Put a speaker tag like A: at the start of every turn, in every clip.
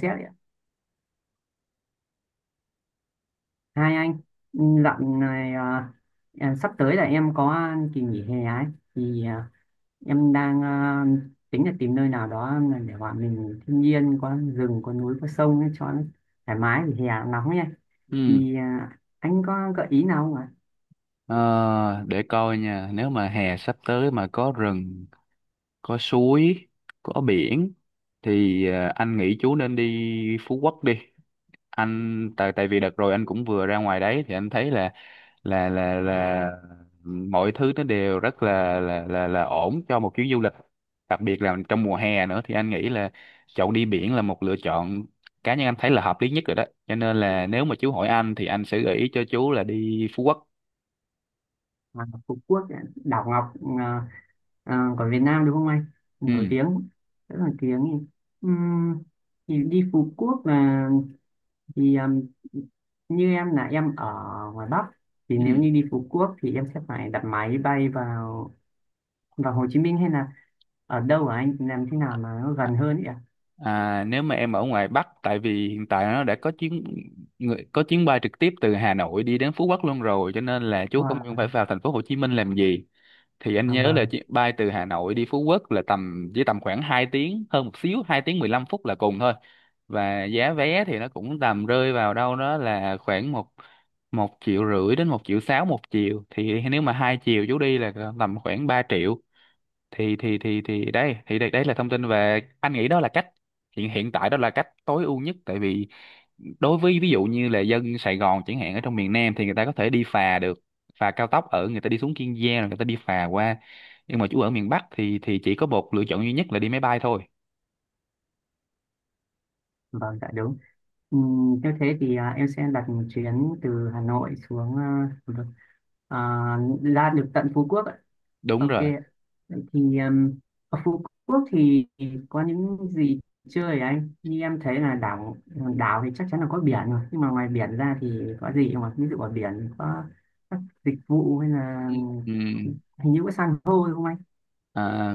A: Xét ạ. Hai anh ừ, này sắp tới là em có kỳ nghỉ hè ấy thì à, em đang tính là tìm nơi nào đó mà để bọn mình thiên nhiên có rừng có núi có sông ấy, cho nó thoải mái vì hè nóng nha.
B: Ừ.
A: Anh có gợi ý nào không ạ?
B: Ờ, để coi nha, nếu mà hè sắp tới mà có rừng, có suối, có biển thì anh nghĩ chú nên đi Phú Quốc đi. Anh tại tại vì đợt rồi anh cũng vừa ra ngoài đấy thì anh thấy là mọi thứ nó đều rất là ổn cho một chuyến du lịch. Đặc biệt là trong mùa hè nữa thì anh nghĩ là chọn đi biển là một lựa chọn cá nhân anh thấy là hợp lý nhất rồi đó. Cho nên là nếu mà chú hỏi anh thì anh sẽ gợi ý cho chú là đi Phú Quốc.
A: Phú Quốc, đảo Ngọc, à, của Việt Nam đúng không anh? Nổi
B: Ừ.
A: tiếng, rất nổi tiếng. Ừm, thì đi Phú Quốc là, thì như em là em ở ngoài Bắc thì nếu
B: Ừ.
A: như đi Phú Quốc thì em sẽ phải đặt máy bay vào, vào Hồ Chí Minh hay là ở đâu ở anh làm thế
B: À,
A: nào mà nó gần hơn ấy ạ?
B: à, nếu mà em ở ngoài Bắc, tại vì hiện tại nó đã có có chuyến bay trực tiếp từ Hà Nội đi đến Phú Quốc luôn rồi, cho nên là chú cũng không
A: Wow.
B: phải vào thành phố Hồ Chí Minh làm gì. Thì anh
A: À,
B: nhớ là
A: vâng.
B: chuyến bay từ Hà Nội đi Phú Quốc là tầm khoảng 2 tiếng hơn một xíu, 2 tiếng 15 phút là cùng thôi. Và giá vé thì nó cũng tầm rơi vào đâu đó là khoảng một một triệu rưỡi đến 1,6 triệu một chiều, thì nếu mà hai chiều chú đi là tầm khoảng 3 triệu. Đây là thông tin, về anh nghĩ đó là cách hiện hiện tại đó là cách tối ưu nhất. Tại vì đối với ví dụ như là dân Sài Gòn chẳng hạn, ở trong miền Nam thì người ta có thể đi phà được, phà cao tốc ở người ta đi xuống Kiên Giang rồi người ta đi phà qua. Nhưng mà chú ở miền Bắc thì chỉ có một lựa chọn duy nhất là đi máy bay thôi.
A: Vâng, dạ đúng. Nếu thế thì em sẽ đặt một chuyến từ Hà Nội xuống à, ra được tận Phú Quốc ạ.
B: Đúng
A: Ok
B: rồi.
A: ạ. Vậy thì ở Phú Quốc thì có những gì chơi hả anh? Như em thấy là đảo, đảo thì chắc chắn là có biển rồi, nhưng mà ngoài biển ra thì có gì không ạ? Ví dụ ở biển có các dịch vụ hay là
B: Ừ. Ừ.
A: hình như có san hô đúng không anh?
B: À,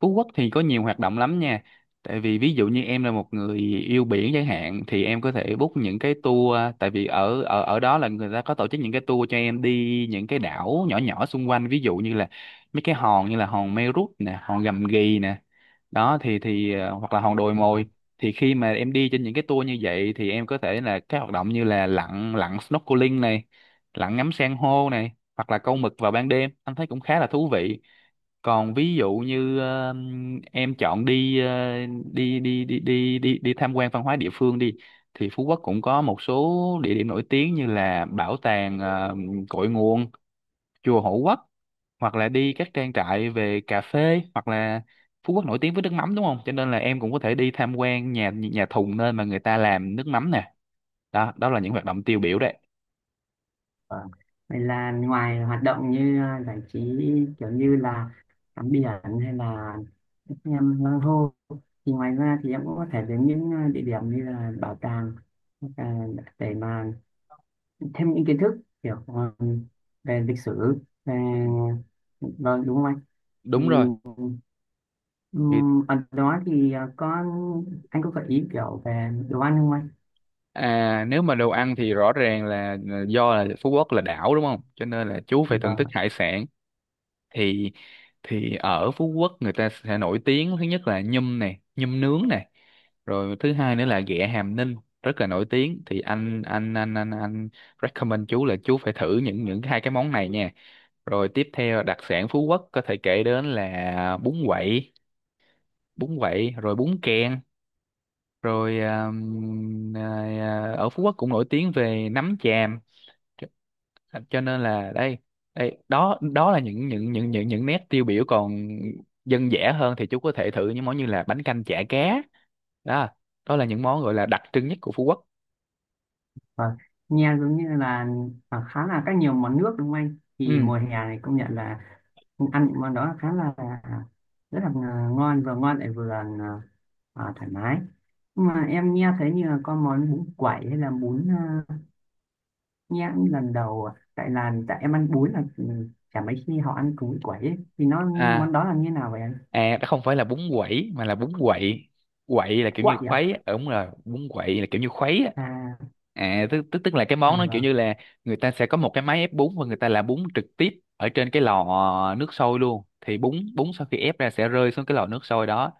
B: Phú Quốc thì có nhiều hoạt động lắm nha. Tại vì ví dụ như em là một người yêu biển chẳng hạn thì em có thể book những cái tour, tại vì ở ở ở đó là người ta có tổ chức những cái tour cho em đi những cái đảo nhỏ nhỏ xung quanh, ví dụ như là mấy cái hòn như là hòn Mây Rút nè, hòn Gầm Ghì nè. Đó hoặc là hòn Đồi Mồi.
A: Vâng,
B: Thì khi mà em đi trên những cái tour như vậy thì em có thể là các hoạt động như là lặn lặn snorkeling này, lặn ngắm san hô này, hoặc là câu mực vào ban đêm. Anh thấy cũng khá là thú vị. Còn ví dụ như em chọn đi, ờ, đi đi đi đi đi đi tham quan văn hóa địa phương đi, thì Phú Quốc cũng có một số địa điểm nổi tiếng như là bảo tàng cội nguồn, chùa Hộ Quốc, hoặc là đi các trang trại về cà phê. Hoặc là Phú Quốc nổi tiếng với nước mắm đúng không, cho nên là em cũng có thể đi tham quan nhà nhà thùng, nơi mà người ta làm nước mắm nè. Đó đó là những hoạt động tiêu biểu đấy.
A: vâng. Vậy là ngoài hoạt động như giải trí kiểu như là tắm biển hay là các em san hô thì ngoài ra thì em cũng có thể đến những địa điểm như là bảo tàng hoặc là để mà thêm những kiến thức kiểu về lịch sử, về,
B: Ừ,
A: vâng, đúng không anh? Thì
B: đúng rồi. Thì
A: ở đó thì có, anh có gợi ý kiểu về đồ ăn không anh?
B: à, nếu mà đồ ăn thì rõ ràng là do là Phú Quốc là đảo đúng không? Cho nên là chú phải thưởng
A: Vâng
B: thức
A: ạ.
B: hải sản. Thì thì ở Phú Quốc, người ta sẽ nổi tiếng thứ nhất là nhum này, nhum nướng này. Rồi thứ hai nữa là ghẹ Hàm Ninh, rất là nổi tiếng. Thì anh recommend chú là chú phải thử những hai cái món này nha. Rồi tiếp theo, đặc sản Phú Quốc có thể kể đến là bún quậy, rồi bún kèn, rồi ở Phú Quốc cũng nổi tiếng về nấm tràm. Cho, cho nên là đây, đây đó đó là những nét tiêu biểu. Còn dân dã hơn thì chú có thể thử những món như là bánh canh chả cá. Đó đó là những món gọi là đặc trưng nhất của Phú Quốc.
A: Vâng, nghe giống như là khá là các nhiều món nước đúng không anh? Thì
B: Ừ.
A: mùa hè này công nhận là ăn những món đó khá là, rất là ngon, vừa ngon lại vừa thoải mái. Nhưng mà em nghe thấy như là có món bún quẩy hay là bún nhá, lần đầu à? Tại là tại em ăn bún là chả mấy khi họ ăn cú quẩy ấy. Thì nó món
B: à
A: đó là như nào vậy anh?
B: đó không phải là bún quẩy mà là bún quậy. Quậy là kiểu như
A: Quậy à?
B: khuấy á. Ờ, đúng rồi, bún quậy là kiểu như khuấy á.
A: À,
B: À tức tức tức là cái
A: à
B: món nó kiểu
A: vâng.
B: như là người ta sẽ có một cái máy ép bún, và người ta làm bún trực tiếp ở trên cái lò nước sôi luôn. Thì bún bún sau khi ép ra sẽ rơi xuống cái lò nước sôi đó,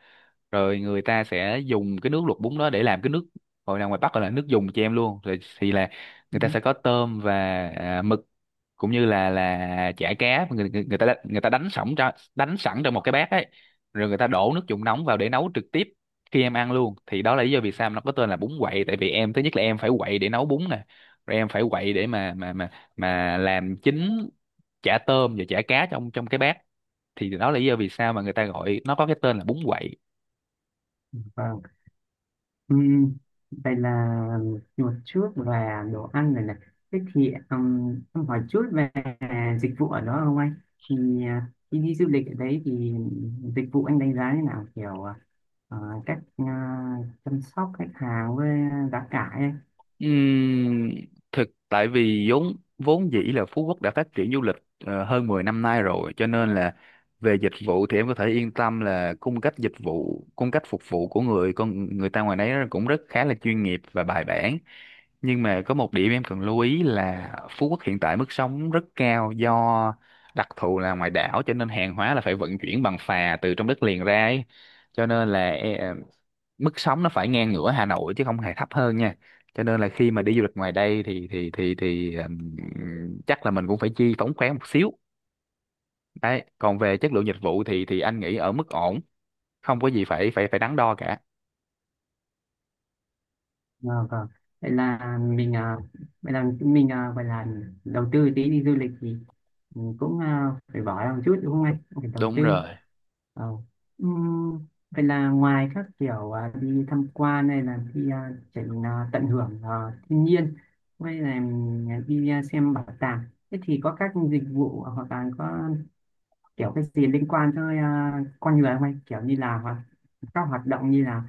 B: rồi người ta sẽ dùng cái nước luộc bún đó để làm cái nước, gọi là ngoài Bắc gọi là nước dùng cho em luôn rồi. Thì là
A: Ừ.
B: người ta sẽ có tôm và mực, cũng như là chả cá, người ta đánh sẵn trong một cái bát ấy, rồi người ta đổ nước dùng nóng vào để nấu trực tiếp khi em ăn luôn. Thì đó là lý do vì sao nó có tên là bún quậy, tại vì em, thứ nhất là em phải quậy để nấu bún nè, rồi em phải quậy để mà làm chín chả tôm và chả cá trong trong cái bát. Thì đó là lý do vì sao mà người ta gọi nó có cái tên là bún quậy.
A: Vâng. Ừm, vậy là một chút về đồ ăn này này. Thế thì em hỏi chút về dịch vụ ở đó không anh? Thì khi đi du lịch ở đấy thì dịch vụ anh đánh giá như nào? Kiểu ờ, cách chăm sóc khách hàng với giá cả ấy.
B: Ừm, Thực, tại vì vốn vốn dĩ là Phú Quốc đã phát triển du lịch hơn 10 năm nay rồi, cho nên là về dịch vụ thì em có thể yên tâm là cung cách dịch vụ, cung cách phục vụ của con người ta ngoài đấy cũng rất khá là chuyên nghiệp và bài bản. Nhưng mà có một điểm em cần lưu ý là Phú Quốc hiện tại mức sống rất cao, do đặc thù là ngoài đảo cho nên hàng hóa là phải vận chuyển bằng phà từ trong đất liền ra ấy. Cho nên là mức sống nó phải ngang ngửa Hà Nội, chứ không hề thấp hơn nha. Cho nên là khi mà đi du lịch ngoài đây thì chắc là mình cũng phải chi phóng khoáng một xíu đấy. Còn về chất lượng dịch vụ thì anh nghĩ ở mức ổn, không có gì phải phải phải đắn đo cả.
A: À, vâng. Vậy là mình à, vậy là mình gọi là đầu tư tí đi du lịch thì cũng phải bỏ ra một chút đúng không anh? Cũng phải đầu
B: Đúng
A: tư.
B: rồi.
A: Ờ. Ừm, vậy là ngoài các kiểu đi tham quan hay là đi tận hưởng thiên nhiên hay là đi xem bảo tàng, thế thì có các dịch vụ hoặc là có kiểu cái gì liên quan tới con người không anh, kiểu như là các hoạt động như là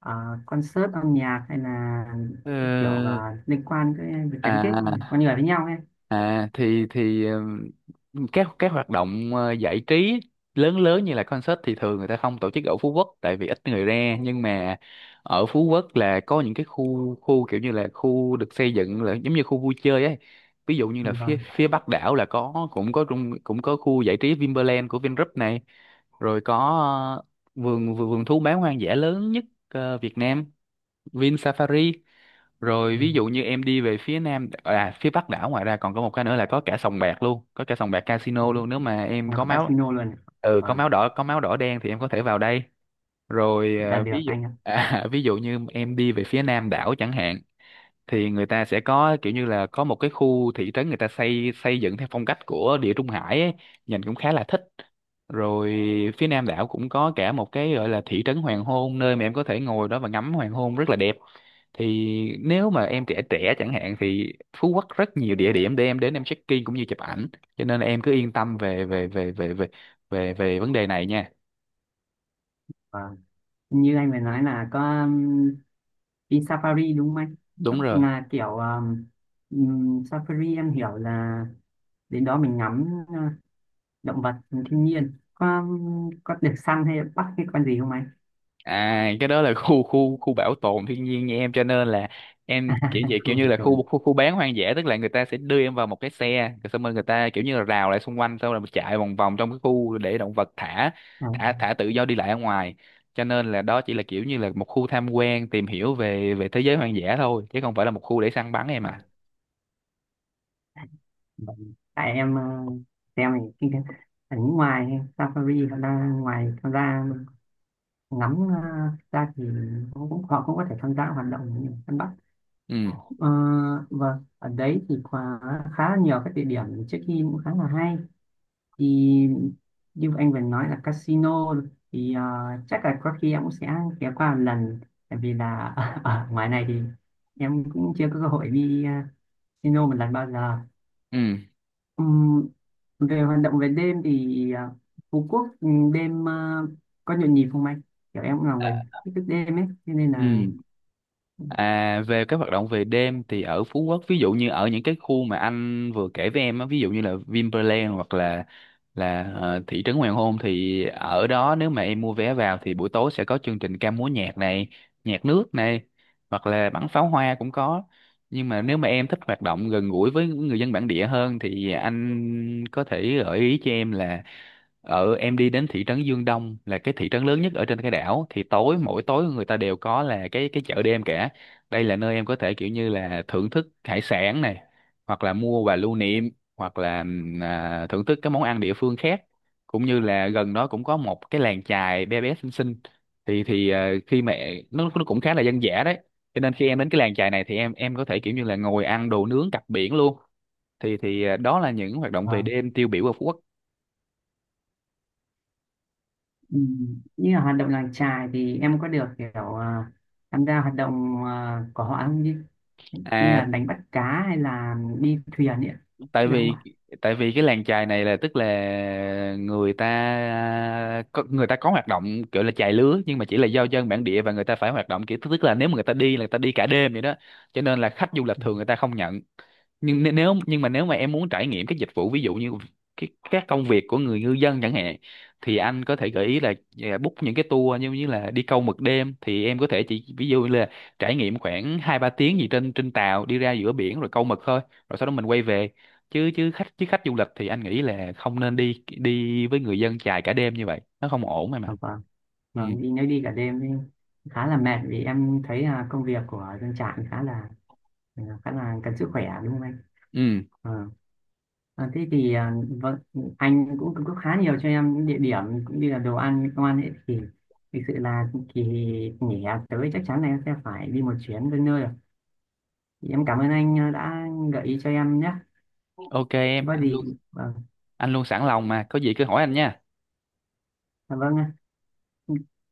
A: à, concert âm nhạc hay là
B: Ờ,
A: kiểu liên quan tới việc gắn kết
B: à
A: con người với nhau ấy.
B: à thì các hoạt động giải trí lớn lớn như là concert thì thường người ta không tổ chức ở Phú Quốc, tại vì ít người ra. Nhưng mà ở Phú Quốc là có những cái khu khu kiểu như là khu được xây dựng là giống như khu vui chơi ấy. Ví dụ như
A: Ừ,
B: là
A: vâng.
B: phía phía Bắc đảo là có cũng có trung- cũng có khu giải trí Vinpearl của Vingroup này. Rồi có ờ, vườn vườn vườn thú bán hoang dã lớn nhất Việt Nam, Vin Safari. Rồi
A: Ừ.
B: ví dụ như em đi về phía nam, à phía bắc đảo, ngoài ra còn có một cái nữa là có cả sòng bạc luôn, có cả sòng bạc
A: Ừ.
B: casino luôn, nếu mà em
A: Và
B: có
A: cái
B: máu,
A: casino luôn ạ. Vâng,
B: có máu đỏ đen thì em có thể vào đây. Rồi
A: đã được
B: ví dụ
A: anh ạ.
B: à, ví dụ như em đi về phía nam đảo chẳng hạn, thì người ta sẽ có kiểu như là có một cái khu thị trấn người ta xây xây dựng theo phong cách của Địa Trung Hải ấy, nhìn cũng khá là thích. Rồi phía Nam đảo cũng có cả một cái gọi là thị trấn hoàng hôn, nơi mà em có thể ngồi đó và ngắm hoàng hôn rất là đẹp. Thì nếu mà em trẻ trẻ chẳng hạn thì Phú Quốc rất nhiều địa điểm để em đến, em check-in cũng như chụp ảnh. Cho nên là em cứ yên tâm về về về về về về về vấn đề này nha.
A: Vâng, như anh vừa nói là có đi safari đúng không anh? Tức
B: Đúng rồi.
A: là kiểu safari em hiểu là đến đó mình ngắm động vật, thiên nhiên, có được săn hay bắt cái con gì không anh?
B: À, cái đó là khu khu khu bảo tồn thiên nhiên nha em. Cho nên là em
A: Khu
B: kiểu như
A: hàng
B: là khu
A: tuần,
B: khu khu bán hoang dã, tức là người ta sẽ đưa em vào một cái xe, rồi xong rồi người ta kiểu như là rào lại xung quanh, xong rồi mình chạy vòng vòng trong cái khu, để động vật thả
A: à,
B: thả thả tự do đi lại ở ngoài. Cho nên là đó chỉ là kiểu như là một khu tham quan tìm hiểu về về thế giới hoang dã thôi, chứ không phải là một khu để săn bắn em
A: à,
B: à.
A: tại em xem thì cái ở ngoài safari họ đang ngoài tham gia ngắm ra thì cũng họ cũng có thể tham gia hoạt động như săn bắt.
B: Ừ.
A: Ờ, vâng, ở đấy thì khá là nhiều các địa điểm check-in cũng khá là hay. Thì như anh vừa nói là casino thì chắc là có khi em cũng sẽ ghé qua một lần, tại vì là ở ngoài này thì em cũng chưa có cơ hội đi casino một lần bao giờ.
B: Ừ.
A: Ừm, về hoạt động về đêm thì Phú Quốc đêm có nhộn nhịp không anh? Kiểu em cũng là
B: À.
A: người thích thức đêm ấy, cho nên là,
B: Ừ. À, về các hoạt động về đêm thì ở Phú Quốc, ví dụ như ở những cái khu mà anh vừa kể với em á, ví dụ như là Vinpearl hoặc là thị trấn Hoàng Hôn, thì ở đó nếu mà em mua vé vào thì buổi tối sẽ có chương trình ca múa nhạc này, nhạc nước này, hoặc là bắn pháo hoa cũng có. Nhưng mà nếu mà em thích hoạt động gần gũi với người dân bản địa hơn thì anh có thể gợi ý cho em là em đi đến thị trấn Dương Đông, là cái thị trấn lớn nhất ở trên cái đảo, thì tối, mỗi tối người ta đều có là cái chợ đêm cả. Đây là nơi em có thể kiểu như là thưởng thức hải sản này, hoặc là mua và lưu niệm, hoặc là thưởng thức các món ăn địa phương khác, cũng như là gần đó cũng có một cái làng chài bé bé xinh xinh. Khi mà nó cũng khá là dân dã đấy, cho nên khi em đến cái làng chài này thì em có thể kiểu như là ngồi ăn đồ nướng cặp biển luôn. Đó là những hoạt động về
A: vâng.
B: đêm tiêu biểu ở Phú Quốc.
A: Ừm, như là hoạt động làng chài thì em có được kiểu tham gia hoạt động của họ không, như, như
B: à
A: là đánh bắt cá hay là đi thuyền ấy, ạ?
B: tại
A: Được không
B: vì
A: ạ?
B: tại vì cái làng chài này là, tức là người ta có hoạt động kiểu là chài lứa, nhưng mà chỉ là do dân bản địa, và người ta phải hoạt động kiểu, tức là nếu mà người ta đi là người ta đi cả đêm vậy đó. Cho nên là khách du lịch
A: Ừ.
B: thường người ta không nhận. Nhưng n- nếu nhưng mà Nếu mà em muốn trải nghiệm các dịch vụ, ví dụ như các công việc của người ngư dân chẳng hạn, thì anh có thể gợi ý là book những cái tour như như là đi câu mực đêm. Thì em có thể chỉ ví dụ như là trải nghiệm khoảng 2-3 tiếng gì trên trên tàu đi ra giữa biển rồi câu mực thôi, rồi sau đó mình quay về, chứ chứ khách du lịch thì anh nghĩ là không nên đi đi với người dân chài cả đêm như vậy, nó không ổn em
A: Vâng,
B: mà.
A: vâng,
B: Ừ.
A: vâng, đi nếu đi cả đêm thì khá là mệt, vì em thấy là công việc của dân trại khá là khá là cần sức khỏe đúng không
B: Ừ.
A: anh? À, thế thì à, vâng, anh cũng cung cấp khá nhiều cho em những địa điểm cũng như là đồ ăn ngon ấy thì thực sự là kỳ nghỉ hè tới chắc chắn là em sẽ phải đi một chuyến đến nơi rồi. Thì em cảm ơn anh đã gợi ý cho em nhé.
B: OK em,
A: Có gì vâng,
B: anh luôn sẵn lòng mà, có gì cứ hỏi anh nha.
A: dạ vâng ạ.